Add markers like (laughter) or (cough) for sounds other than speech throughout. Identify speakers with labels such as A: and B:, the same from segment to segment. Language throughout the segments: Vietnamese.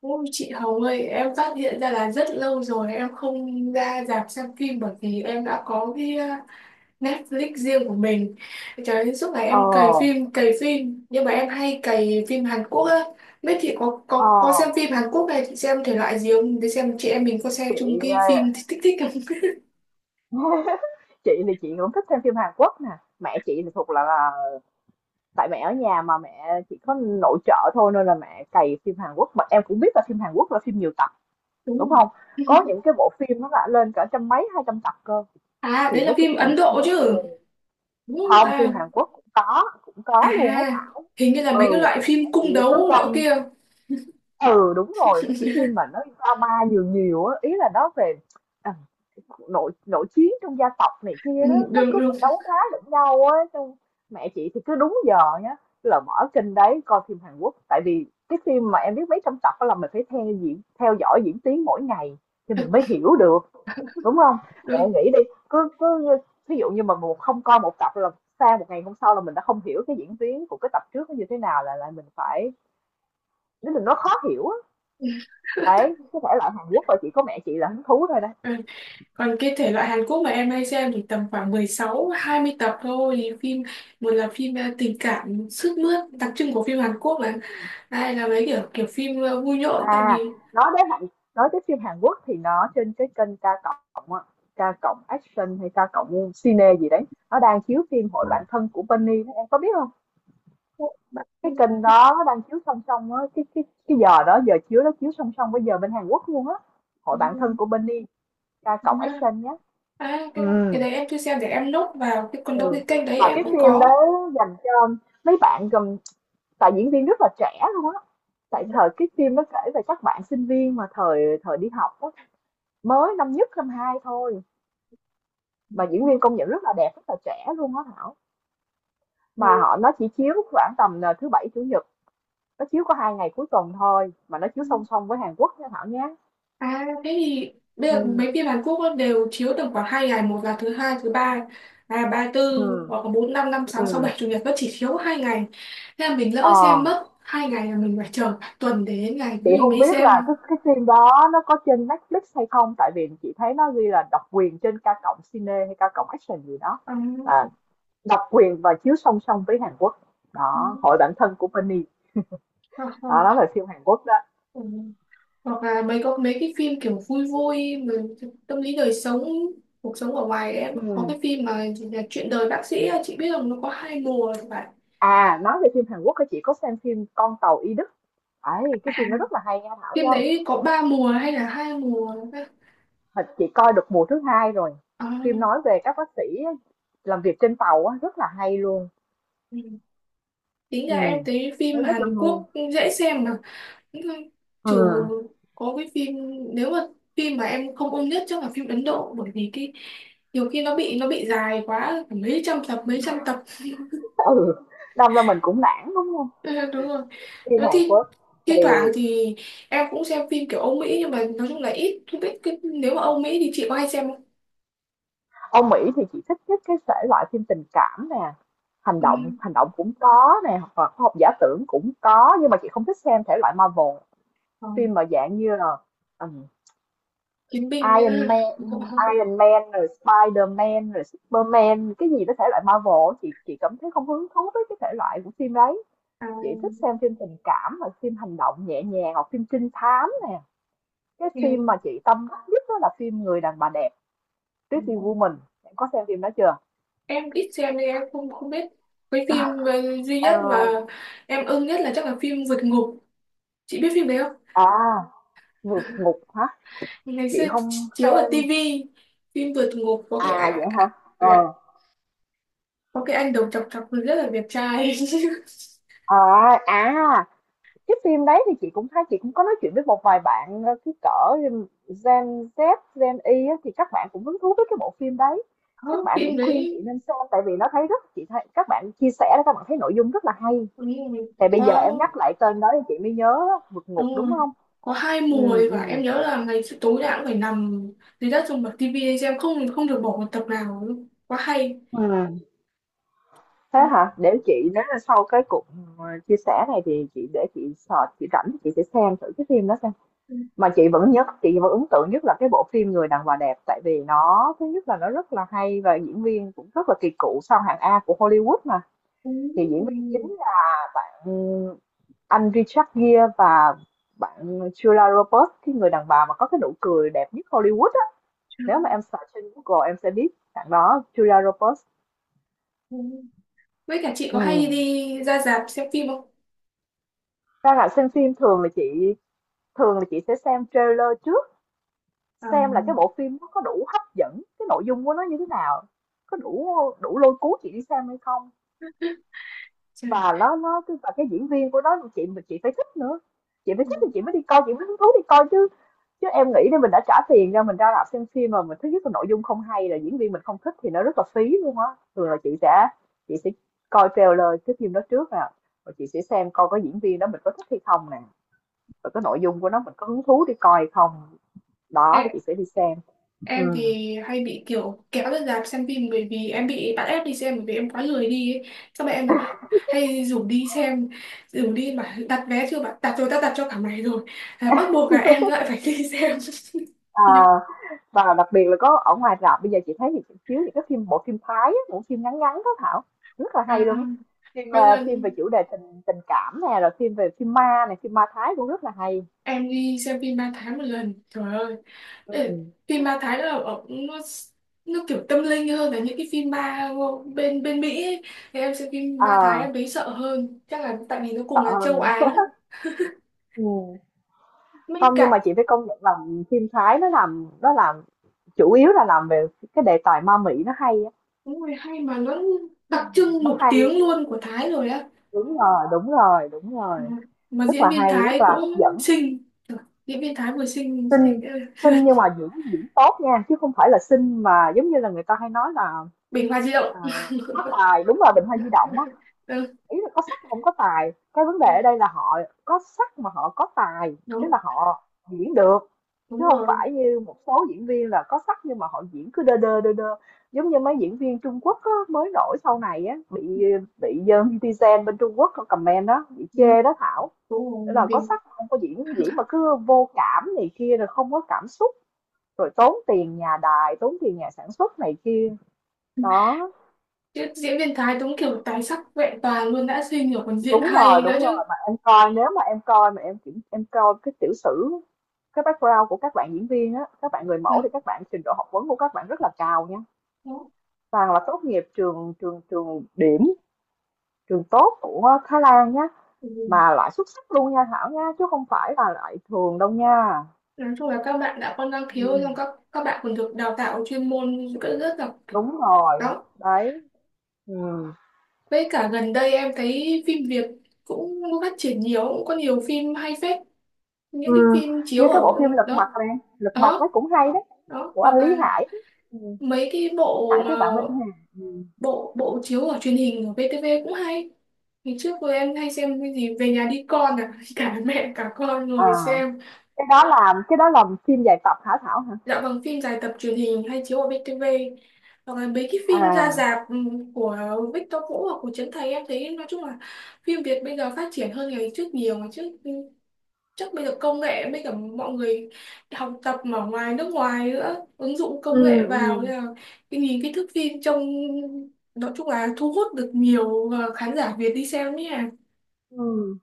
A: Ôi chị Hồng ơi, em phát hiện ra là rất lâu rồi em không ra rạp xem phim bởi vì em đã có cái Netflix riêng của mình. Trời ơi, suốt ngày
B: Ờ,
A: em cày phim, cày phim. Nhưng mà em hay cày phim Hàn Quốc á. Biết chị có,
B: ờ,
A: có, có xem phim Hàn Quốc này, chị xem thể loại gì không? Để xem chị em mình có xem
B: chị,
A: chung cái
B: ờ,
A: phim thích thích thích không? (laughs)
B: (laughs) chị thì chị cũng thích xem phim Hàn Quốc nè. Mẹ chị thì thuộc là tại mẹ ở nhà mà mẹ chỉ có nội trợ thôi nên là mẹ cày phim Hàn Quốc. Mà em cũng biết là phim Hàn Quốc là phim nhiều tập,
A: Đúng
B: đúng
A: không?
B: không? Có những
A: (laughs)
B: cái bộ phim nó đã lên cả trăm mấy, 200 tập cơ.
A: À,
B: Thì
A: đấy
B: nó
A: là
B: chỉ
A: phim
B: dành
A: Ấn
B: cho
A: Độ
B: những
A: chứ.
B: người
A: Đúng không
B: không, phim
A: ta?
B: Hàn Quốc cũng
A: À,
B: có luôn á Thảo.
A: hình như là mấy cái
B: Ừ,
A: loại
B: mẹ
A: phim cung
B: chị cứ
A: đấu nọ
B: canh.
A: kia.
B: Ừ, đúng rồi, cái phim
A: (laughs)
B: mà nó drama nhiều nhiều á, ý là nó về à, nội nội chiến trong gia tộc này
A: Ừ,
B: kia đó, nó
A: đúng,
B: cứ
A: đúng,
B: phải đấu đá lẫn nhau á. Xong mẹ chị thì cứ đúng giờ nhá là mở kênh đấy coi phim Hàn Quốc, tại vì cái phim mà em biết mấy trăm tập đó là mình phải theo diễn, theo dõi diễn tiến mỗi ngày thì mình mới hiểu được, đúng không? Mẹ nghĩ đi, cứ cứ ví dụ như mà một không coi một tập là sang một ngày hôm sau là mình đã không hiểu cái diễn tiến của cái tập trước nó như thế nào, là mình phải, nếu mình nó khó hiểu á. Đấy, có thể là Hàn Quốc rồi chỉ có mẹ chị là hứng thú thôi đó.
A: đúng. Còn cái thể loại Hàn Quốc mà em hay xem thì tầm khoảng 16 20 tập thôi. Phim một là phim tình cảm sướt mướt, đặc trưng của phim Hàn Quốc là hai là mấy kiểu kiểu phim vui nhộn tại
B: À,
A: vì
B: nói đến Hàn nói tới phim Hàn Quốc thì nó trên cái kênh K cộng á, K cộng Action hay K cộng Cine gì đấy, nó đang chiếu phim Hội bạn thân của Penny đó, em có biết không?
A: bạn
B: Cái kênh đó nó đang chiếu song song á, cái giờ đó, giờ chiếu nó chiếu song song với giờ bên Hàn Quốc luôn á. Hội bạn thân của Penny, K cộng
A: à.
B: Action nhé.
A: À,
B: Ừ,
A: cái đấy em chưa xem, để em nốt vào. Cái còn đâu
B: ừ.
A: cái kênh đấy
B: Mà
A: em
B: cái
A: cũng
B: phim
A: có.
B: đó dành cho mấy bạn gồm, tại diễn viên rất là trẻ luôn á. Tại thời cái phim nó kể về các bạn sinh viên mà thời thời đi học á, mới năm nhất năm hai thôi, mà diễn viên công nhận rất là đẹp, rất là trẻ luôn á Thảo. Mà họ nó chỉ chiếu khoảng tầm là thứ bảy chủ nhật, nó chiếu có 2 ngày cuối tuần thôi, mà nó chiếu
A: Ừ.
B: song song với Hàn Quốc nha Thảo nhé.
A: À thế thì bây giờ
B: ừ
A: mấy phim Hàn Quốc ấy đều chiếu tầm khoảng hai ngày, một là thứ hai thứ ba à ba
B: ừ
A: tư, hoặc là bốn năm năm sáu sáu
B: ừ
A: bảy chủ nhật, nó chỉ chiếu hai ngày. Thế là mình
B: ờ
A: lỡ xem mất hai ngày là mình phải chờ cả tuần để đến ngày
B: chị
A: thì mình
B: không
A: mới
B: biết là
A: xem.
B: cái phim đó nó có trên Netflix hay không, tại vì chị thấy nó ghi là độc quyền trên K cộng Cine hay K cộng Action gì đó.
A: À,
B: À, độc quyền và chiếu song song với Hàn Quốc đó,
A: ừ,
B: Hội bạn thân của Penny
A: hoặc là
B: đó, đó là phim Hàn Quốc đó.
A: ừ, hoặc là mấy, có mấy cái phim kiểu vui vui mà tâm lý đời sống, cuộc sống ở ngoài. Em
B: Ừ.
A: có cái phim mà gì là chuyện đời bác sĩ, chị biết không, nó có hai mùa các bạn.
B: À, nói về phim Hàn Quốc thì chị có xem phim Con tàu Y Đức. Ấy,
A: À,
B: cái phim nó rất là hay nha Thảo
A: phim
B: nha.
A: đấy có ba mùa hay là hai mùa?
B: Thật chị coi được mùa thứ hai rồi.
A: À,
B: Phim nói về các bác sĩ làm việc trên tàu á, rất là hay luôn.
A: ừ. Tính
B: Ừ,
A: ra em thấy phim
B: nó rất
A: Hàn
B: là hay.
A: Quốc dễ xem. Mà nhưng
B: Ừ.
A: trừ có cái phim, nếu mà phim mà em không ưng nhất chắc là phim Ấn Độ, bởi vì cái nhiều khi nó bị dài quá, phải mấy trăm tập mấy trăm tập. (laughs)
B: Ừ, đâm ra mình cũng nản đúng không?
A: Ừ, đúng rồi.
B: Phim
A: nó
B: Hàn
A: thi
B: Quốc thì,
A: thi thoảng thì em cũng xem phim kiểu Âu Mỹ, nhưng mà nói chung là ít. Không biết cái, nếu mà Âu Mỹ thì chị có hay xem không?
B: Âu Mỹ thì chị thích nhất cái thể loại phim tình cảm nè,
A: Ừ.
B: hành động cũng có nè, hoặc là khoa học giả tưởng cũng có, nhưng mà chị không thích xem thể loại Marvel,
A: Còn
B: phim mà dạng như là ừ,
A: Chiến binh (laughs)
B: Iron
A: nữa.
B: Man Iron Man rồi Spider-Man rồi Superman cái gì đó. Thể loại Marvel chị cảm thấy không hứng thú với cái thể loại của phim đấy.
A: À,
B: Chị thích xem phim tình cảm hoặc phim hành động nhẹ nhàng hoặc phim trinh thám nè. Cái phim mà chị tâm đắc nhất đó là phim Người đàn bà đẹp,
A: ừ.
B: Pretty Woman. Em có xem phim đó chưa?
A: Em ít xem nên em không không biết. Cái phim duy nhất mà
B: Em,
A: em ưng nhất là chắc là phim vượt ngục, chị biết phim đấy không?
B: à, vượt ngục hả?
A: Ngày xưa
B: Chị không
A: chiếu ở
B: xem.
A: tivi, phim vượt ngục có
B: À vậy hả? Ờ.
A: có cái anh đầu chọc chọc rất là đẹp trai.
B: à, à Cái phim đấy thì chị cũng thấy, chị cũng có nói chuyện với một vài bạn cái cỡ Gen Z, Gen Y á, thì các bạn cũng hứng thú với cái bộ phim đấy.
A: (laughs)
B: Các
A: Có
B: bạn
A: phim
B: cũng khuyên chị
A: đấy
B: nên xem, tại vì nó thấy rất, chị thấy các bạn chia sẻ đó, các bạn thấy nội dung rất là hay.
A: đúng rồi.
B: Thì bây giờ
A: Có
B: em nhắc lại tên đó thì chị mới nhớ á, vượt ngục
A: đúng
B: đúng
A: rồi,
B: không?
A: có hai mùa
B: Ừ,
A: ấy,
B: ừ.
A: và em nhớ là ngày xưa tối nào cũng phải nằm dưới đất, dùng bật tivi để xem, không không được bỏ một tập nào luôn, quá hay
B: Ừ, thế
A: đó.
B: hả? Để chị, nếu là sau cái cuộc chia sẻ này thì chị để chị search, chị rảnh thì chị sẽ xem thử cái phim đó xem.
A: Ừ.
B: Mà chị vẫn nhất, chị vẫn ấn tượng nhất là cái bộ phim Người đàn bà đẹp, tại vì nó thứ nhất là nó rất là hay và diễn viên cũng rất là kỳ cựu, sau hạng A của Hollywood mà.
A: Ừ.
B: Thì diễn viên chính là bạn anh Richard Gere và Julia Roberts, cái người đàn bà mà có cái nụ cười đẹp nhất Hollywood á. Nếu mà em search trên Google em sẽ biết bạn đó, Julia Roberts.
A: Ừ. Với cả chị
B: Ừ.
A: có hay đi ra rạp xem phim không?
B: Ra là xem phim, thường là chị sẽ xem trailer trước,
A: À,
B: xem là cái bộ phim nó có đủ hấp dẫn, cái nội dung của nó như thế nào, có đủ, đủ lôi cuốn chị đi xem hay không.
A: trời.
B: Và nó cái và cái diễn viên của nó chị phải thích nữa. Chị phải
A: Ừ.
B: thích thì chị mới đi coi, chị mới hứng thú đi coi chứ. Chứ em nghĩ là mình đã trả tiền ra, mình ra rạp xem phim mà mình thứ nhất là nội dung không hay, là diễn viên mình không thích thì nó rất là phí luôn á. Thường là chị sẽ coi trailer cái phim đó trước nè, và chị sẽ xem coi có diễn viên đó mình có thích hay không nè, và cái nội dung của nó mình có hứng thú đi coi hay không. Đó
A: Em,
B: thì chị sẽ đi xem.
A: em
B: Ừ.
A: thì hay bị kiểu kéo ra rạp xem phim bởi vì em bị bắt ép đi xem bởi vì em quá lười đi ấy. Xong mẹ em là hay rủ đi xem, rủ đi mà đặt vé chưa bạn, đặt rồi ta đặt cho cả ngày rồi. À, bắt buộc là em
B: (laughs)
A: lại phải đi xem. (laughs)
B: Ờ,
A: Nhưng
B: và đặc biệt là có ở ngoài rạp bây giờ chị thấy thì chiếu những cái phim, bộ phim Thái á, bộ phim ngắn ngắn đó Thảo, rất là hay
A: à,
B: luôn á. Phim
A: có
B: phim về
A: lần
B: chủ đề tình tình cảm nè, rồi phim về, phim ma này, phim ma Thái cũng rất là hay.
A: em đi xem phim 3 tháng một lần. Trời ơi.
B: Ừ.
A: Ê, phim ma Thái là ở nó kiểu tâm linh hơn là những cái phim ma bên bên Mỹ ấy. Thì em xem phim
B: Ờ,
A: ma Thái em thấy sợ hơn, chắc là tại vì nó
B: ờ,
A: cùng là châu Á ấy.
B: ừ.
A: Mấy
B: Không, nhưng mà
A: cả
B: chị phải công nhận là phim Thái nó làm chủ yếu là làm về cái đề tài ma mị nó hay á.
A: đúng rồi, hay. Mà nó đặc trưng
B: Nó
A: nổi
B: hay,
A: tiếng luôn của Thái rồi á.
B: đúng rồi, đúng rồi, đúng
A: Ừ.
B: rồi,
A: Mà
B: rất
A: diễn
B: là
A: viên
B: hay, rất
A: Thái
B: là
A: cũng
B: hấp dẫn.
A: xinh. Trời, diễn viên Thái vừa xinh, xinh.
B: Xinh,
A: Ê,
B: xinh nhưng mà diễn diễn tốt nha, chứ không phải là xinh mà giống như là người ta hay nói là,
A: Bình Hoa Di Động.
B: à, có
A: (laughs)
B: tài, đúng là Bình Hoa Di Động á,
A: Ừ,
B: ý là có sắc mà hông có tài. Cái vấn đề ở đây là họ có sắc mà họ có tài, tức
A: đúng
B: là họ diễn được, chứ
A: đúng
B: không
A: rồi.
B: phải như một số diễn viên là có sắc nhưng mà họ diễn cứ đơ đơ, đơ đơ. Giống như mấy diễn viên Trung Quốc á, mới nổi sau này á, bị netizen bên Trung Quốc comment đó, bị
A: Ừ,
B: chê đó Thảo,
A: đúng rồi
B: là có
A: mình.
B: sắc không có diễn, diễn mà cứ vô cảm này kia, rồi không có cảm xúc. Rồi tốn tiền nhà đài, tốn tiền nhà sản xuất này kia. Đó,
A: Chứ diễn viên Thái đúng kiểu tài sắc vẹn toàn luôn, đã xinh rồi còn diễn
B: đúng rồi,
A: hay nữa
B: đúng rồi.
A: chứ.
B: Mà em coi, nếu mà em coi mà em kiểm, em coi cái tiểu sử, cái background của các bạn diễn viên á, các bạn người mẫu, thì
A: Ừ.
B: các bạn trình độ học vấn của các bạn rất là cao nha.
A: Đó.
B: Toàn là tốt nghiệp trường trường trường điểm, trường tốt của Thái Lan nhá,
A: Ừ.
B: mà loại xuất sắc luôn nha Thảo nha, chứ không phải là loại thường đâu nha.
A: Nói chung là các bạn đã có năng khiếu,
B: Ừ,
A: xong các bạn còn được đào tạo chuyên môn rất rất là kiểu
B: đúng rồi.
A: đó.
B: Đấy. Ừ.
A: Với cả gần đây em thấy phim Việt cũng phát triển nhiều, cũng có nhiều phim hay phết, những cái
B: Ừm,
A: phim
B: Như
A: chiếu
B: cái
A: ở
B: bộ phim Lật Mặt
A: đó
B: này, Lật Mặt nó
A: đó
B: cũng hay đấy,
A: đó,
B: của
A: hoặc
B: anh Lý
A: là
B: Hải đó, ừm,
A: mấy cái
B: Lý
A: bộ
B: Hải
A: mà
B: với bạn Minh Hà, ừm,
A: bộ bộ chiếu ở truyền hình ở VTV cũng hay. Ngày trước cô em hay xem cái gì về nhà đi con à (laughs) cả mẹ cả con
B: à,
A: ngồi xem.
B: cái đó là phim dài tập hả Thảo hả?
A: Dạ vâng, phim dài tập truyền hình hay chiếu ở VTV, hoặc là mấy cái phim ra
B: À,
A: rạp của Victor Vũ hoặc của Trấn Thành. Em thấy nói chung là phim Việt bây giờ phát triển hơn ngày trước nhiều. Ngày trước chắc bây giờ công nghệ với cả mọi người học tập ở ngoài nước ngoài nữa, ứng dụng công
B: ừm,
A: nghệ vào nên
B: ừm,
A: là cái nhìn cái thước phim trông nói chung là thu hút được nhiều khán giả Việt đi xem nhé.
B: ừm,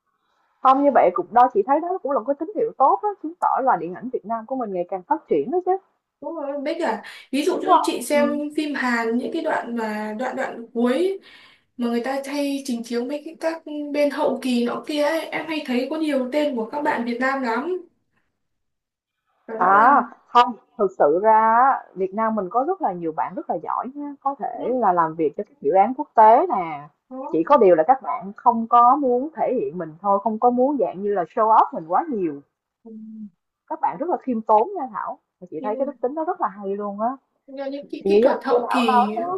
B: không như vậy cũng đó, chị thấy đó cũng là một cái tín hiệu tốt á, chứng tỏ là điện ảnh Việt Nam của mình ngày càng phát triển đó chứ,
A: Đúng rồi, với cả ví dụ
B: đúng
A: như
B: không?
A: chị
B: Ừ.
A: xem phim Hàn những cái đoạn mà đoạn đoạn cuối mà người ta hay trình chiếu mấy cái các bên hậu kỳ nọ kia ấy, em hay thấy có nhiều tên của các bạn Việt Nam lắm và rõ
B: À,
A: ràng
B: không, thực sự ra á, Việt Nam mình có rất là nhiều bạn rất là giỏi nha, có thể
A: đó,
B: là làm việc cho các dự án quốc tế nè.
A: đó.
B: Chỉ có điều là các bạn không có muốn thể hiện mình thôi, không có muốn dạng như là show off mình quá nhiều.
A: Ừ.
B: Các bạn rất là khiêm tốn nha Thảo. Mà chị
A: Nên
B: thấy cái
A: là
B: đức tính đó rất là hay luôn á.
A: do những cái
B: Thì như,
A: kỹ thuật
B: như
A: hậu
B: Thảo nói
A: kỳ.
B: đó,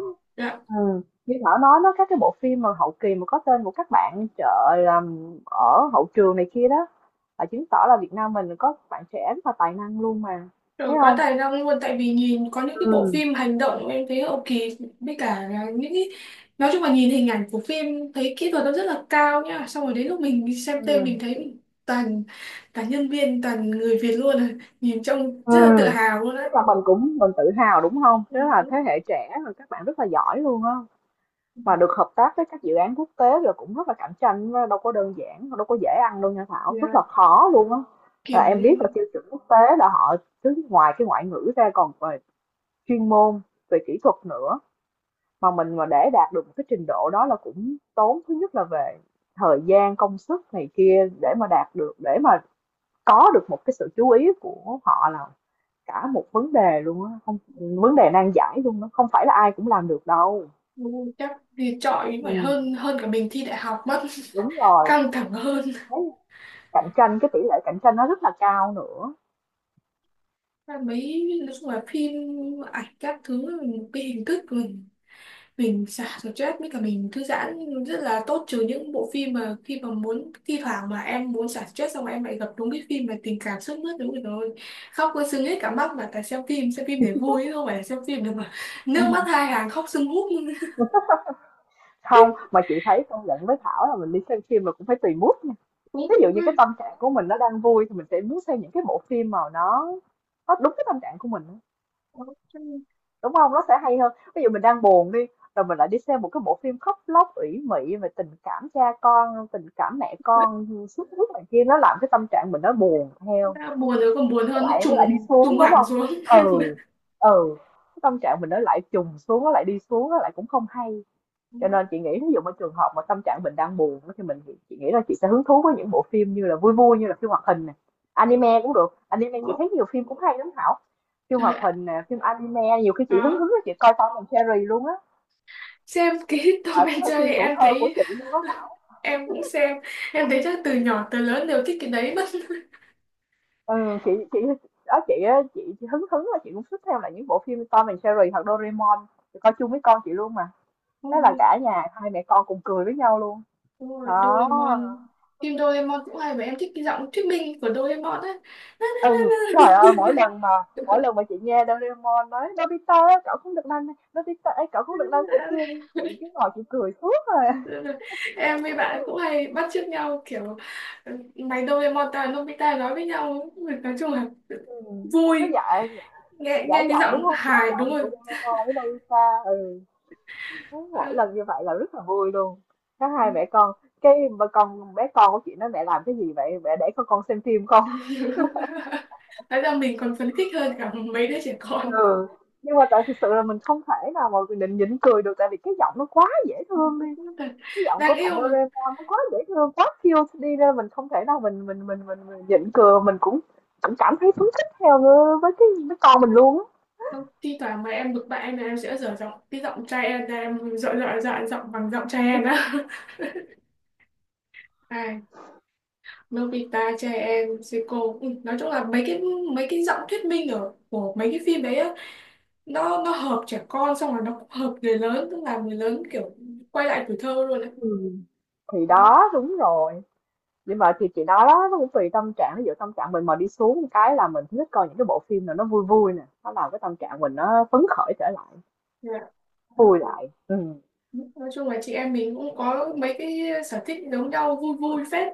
B: ừ. Như Thảo nói đó, các cái bộ phim mà hậu kỳ mà có tên của các bạn trời làm ở hậu trường này kia đó, là chứng tỏ là Việt Nam mình có bạn trẻ rất là tài năng luôn mà,
A: Rồi
B: thấy
A: quá
B: không?
A: tài năng luôn, tại vì nhìn có những cái bộ
B: Ừ.
A: phim hành động em thấy hậu kỳ với cả là những cái nói chung là nhìn hình ảnh của phim thấy kỹ thuật nó rất là cao nhá, xong rồi đến lúc mình đi xem tên mình
B: Ừm,
A: thấy toàn toàn nhân viên toàn người Việt luôn à, nhìn trông rất là tự
B: ừm,
A: hào luôn
B: Tức
A: á.
B: là mình cũng mình tự hào, đúng không?
A: Ừ.
B: Tức là
A: Đúng.
B: thế hệ trẻ rồi các bạn rất là giỏi luôn á,
A: Ừ.
B: mà được hợp tác với các dự án quốc tế rồi cũng rất là cạnh tranh á, đâu có đơn giản, đâu có dễ ăn đâu nha
A: Thì
B: Thảo, rất
A: là
B: là khó luôn á. Là
A: kiểu
B: em biết là
A: như
B: tiêu chuẩn quốc tế là họ cứ ngoài cái ngoại ngữ ra còn về chuyên môn, về kỹ thuật nữa, mà mình mà để đạt được một cái trình độ đó là cũng tốn thứ nhất là về thời gian, công sức này kia để mà đạt được, để mà có được một cái sự chú ý của họ là cả một vấn đề luôn á, không, vấn đề nan giải luôn đó, không phải là ai cũng làm được đâu.
A: ừ, chắc thì chọi phải
B: Ừm.
A: hơn hơn cả mình thi đại học mất.
B: Đúng
A: (laughs)
B: rồi,
A: Căng thẳng hơn.
B: cái cạnh tranh, cái tỷ lệ cạnh tranh nó rất là cao nữa.
A: Và mấy nói chung là phim ảnh các thứ một cái hình thức của mình xả stress với cả mình thư giãn rất là tốt, trừ những bộ phim mà khi mà muốn thi thoảng mà em muốn xả stress xong em lại gặp đúng cái phim mà tình cảm sướt mướt đúng rồi, khóc có sưng hết cả mắt. Mà tại xem phim, xem phim để vui chứ không phải là xem phim để mà nước mắt
B: Ừm.
A: hai hàng khóc sưng húp.
B: Hông, mà chị thấy công nhận với Thảo là mình đi xem phim là cũng phải tùy mood nha. Ví dụ như cái tâm trạng của mình nó đang vui thì mình sẽ muốn xem những cái bộ phim mà nó đúng cái tâm trạng của mình á, đúng không? Nó sẽ hay hơn. Ví dụ mình đang buồn đi, rồi mình lại đi xem một cái bộ phim khóc lóc ủy mị về tình cảm cha con, tình cảm mẹ con, sướt này kia, nó làm cái tâm trạng mình nó buồn theo.
A: Đã buồn rồi còn buồn
B: nó
A: hơn, nó
B: lại nó lại đi
A: trùng
B: xuống,
A: trùng
B: đúng
A: hẳn
B: không?
A: xuống.
B: Ừ.
A: (laughs)
B: Ừ. Cái tâm trạng mình nó lại trùng xuống, nó lại đi xuống, nó lại cũng không hay.
A: Đó,
B: Cho nên chị nghĩ ví dụ ở trường hợp mà tâm trạng mình đang buồn á, thì chị nghĩ là chị sẽ hứng thú với những bộ phim như là vui vui, như là phim hoạt hình này,
A: đó,
B: anime cũng được. Anime chị
A: đó.
B: thấy nhiều phim cũng hay lắm Thảo. Phim
A: Trời
B: hoạt
A: ạ,
B: hình nè, phim anime, nhiều khi chị hứng
A: đó.
B: hứng là chị coi Tom and Jerry luôn á,
A: Xem cái (laughs) Tom
B: ở cái
A: and Jerry
B: phim tuổi
A: em
B: thơ của
A: thấy
B: chị luôn á.
A: (laughs) em cũng xem, em thấy chắc từ nhỏ tới lớn đều thích cái đấy mất.
B: Ừ, chị đó chị á, chị hứng hứng là chị cũng thích theo lại những bộ phim Tom and Jerry hoặc Doraemon. Chị coi chung với con chị luôn mà. Thế là
A: Ôi,
B: cả nhà hai mẹ con cùng cười với nhau luôn.
A: đúng rồi,
B: Đó.
A: Doraemon. Phim Doraemon cũng hay, và em thích cái giọng thuyết minh của Doraemon á.
B: Ừ, trời ơi, mỗi lần mà chị nghe Doraemon nói Nobita ơi, cậu không được làm này, Nobita ơi, cậu không được làm thế kia, chị cứ ngồi chị cười suốt rồi.
A: (laughs) Em với bạn cũng hay bắt chước nhau kiểu ừ, mày Doraemon tao là Nobita, nói với nhau. Nói chung là
B: Ừ. Nó
A: vui,
B: giả,
A: nghe
B: giả
A: nghe cái
B: giọng đúng
A: giọng
B: không? Giả
A: hài đúng
B: giọng
A: rồi.
B: của Doraemon với Nobita. Ừ. Thế
A: Ờ,
B: mỗi lần như vậy là rất là vui luôn. Các
A: ờ.
B: hai mẹ con, cái mà con bé con của chị nói mẹ làm cái gì vậy? Mẹ để con xem phim không?
A: (laughs) Nói ra mình còn phấn khích hơn cả mấy đứa trẻ con.
B: Ừ, nhưng mà tại thực sự là mình không thể nào mà mình định nhịn cười được, tại vì cái giọng nó quá dễ thương đi.
A: (laughs)
B: Cái giọng của
A: Đang
B: bạn
A: yêu mà.
B: Doraemon nó quá dễ thương, quá cute đi ra mình không thể nào mình nhịn cười, mình cũng cũng cảm thấy phấn khích theo với cái với con mình luôn á.
A: Không, thi thoảng mà em bực bại là em sẽ dở giọng cái giọng trai em ra, em dọa dọa dọa giọng bằng giọng trai em á. (laughs) Ai Nobita trai em Seiko. Ừ, nói chung là mấy cái giọng thuyết minh ở của mấy cái phim đấy á, nó hợp trẻ con xong rồi nó cũng hợp người lớn, tức là người lớn kiểu quay lại tuổi thơ luôn á.
B: Ừ. Thì
A: Đúng,
B: đó đúng rồi. Nhưng mà thì chị nói đó, nó cũng tùy tâm trạng. Ví dụ tâm trạng mình mà đi xuống cái là mình thích coi những cái bộ phim nào nó vui vui nè, nó làm cái tâm trạng mình nó phấn khởi trở lại,
A: dạ,
B: vui
A: đó,
B: lại. Ừ.
A: nói chung là chị em mình cũng có mấy cái sở thích giống nhau, vui vui phết.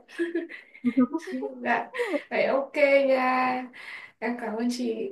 A: (laughs) Dạ vậy ok nha, em cảm ơn chị.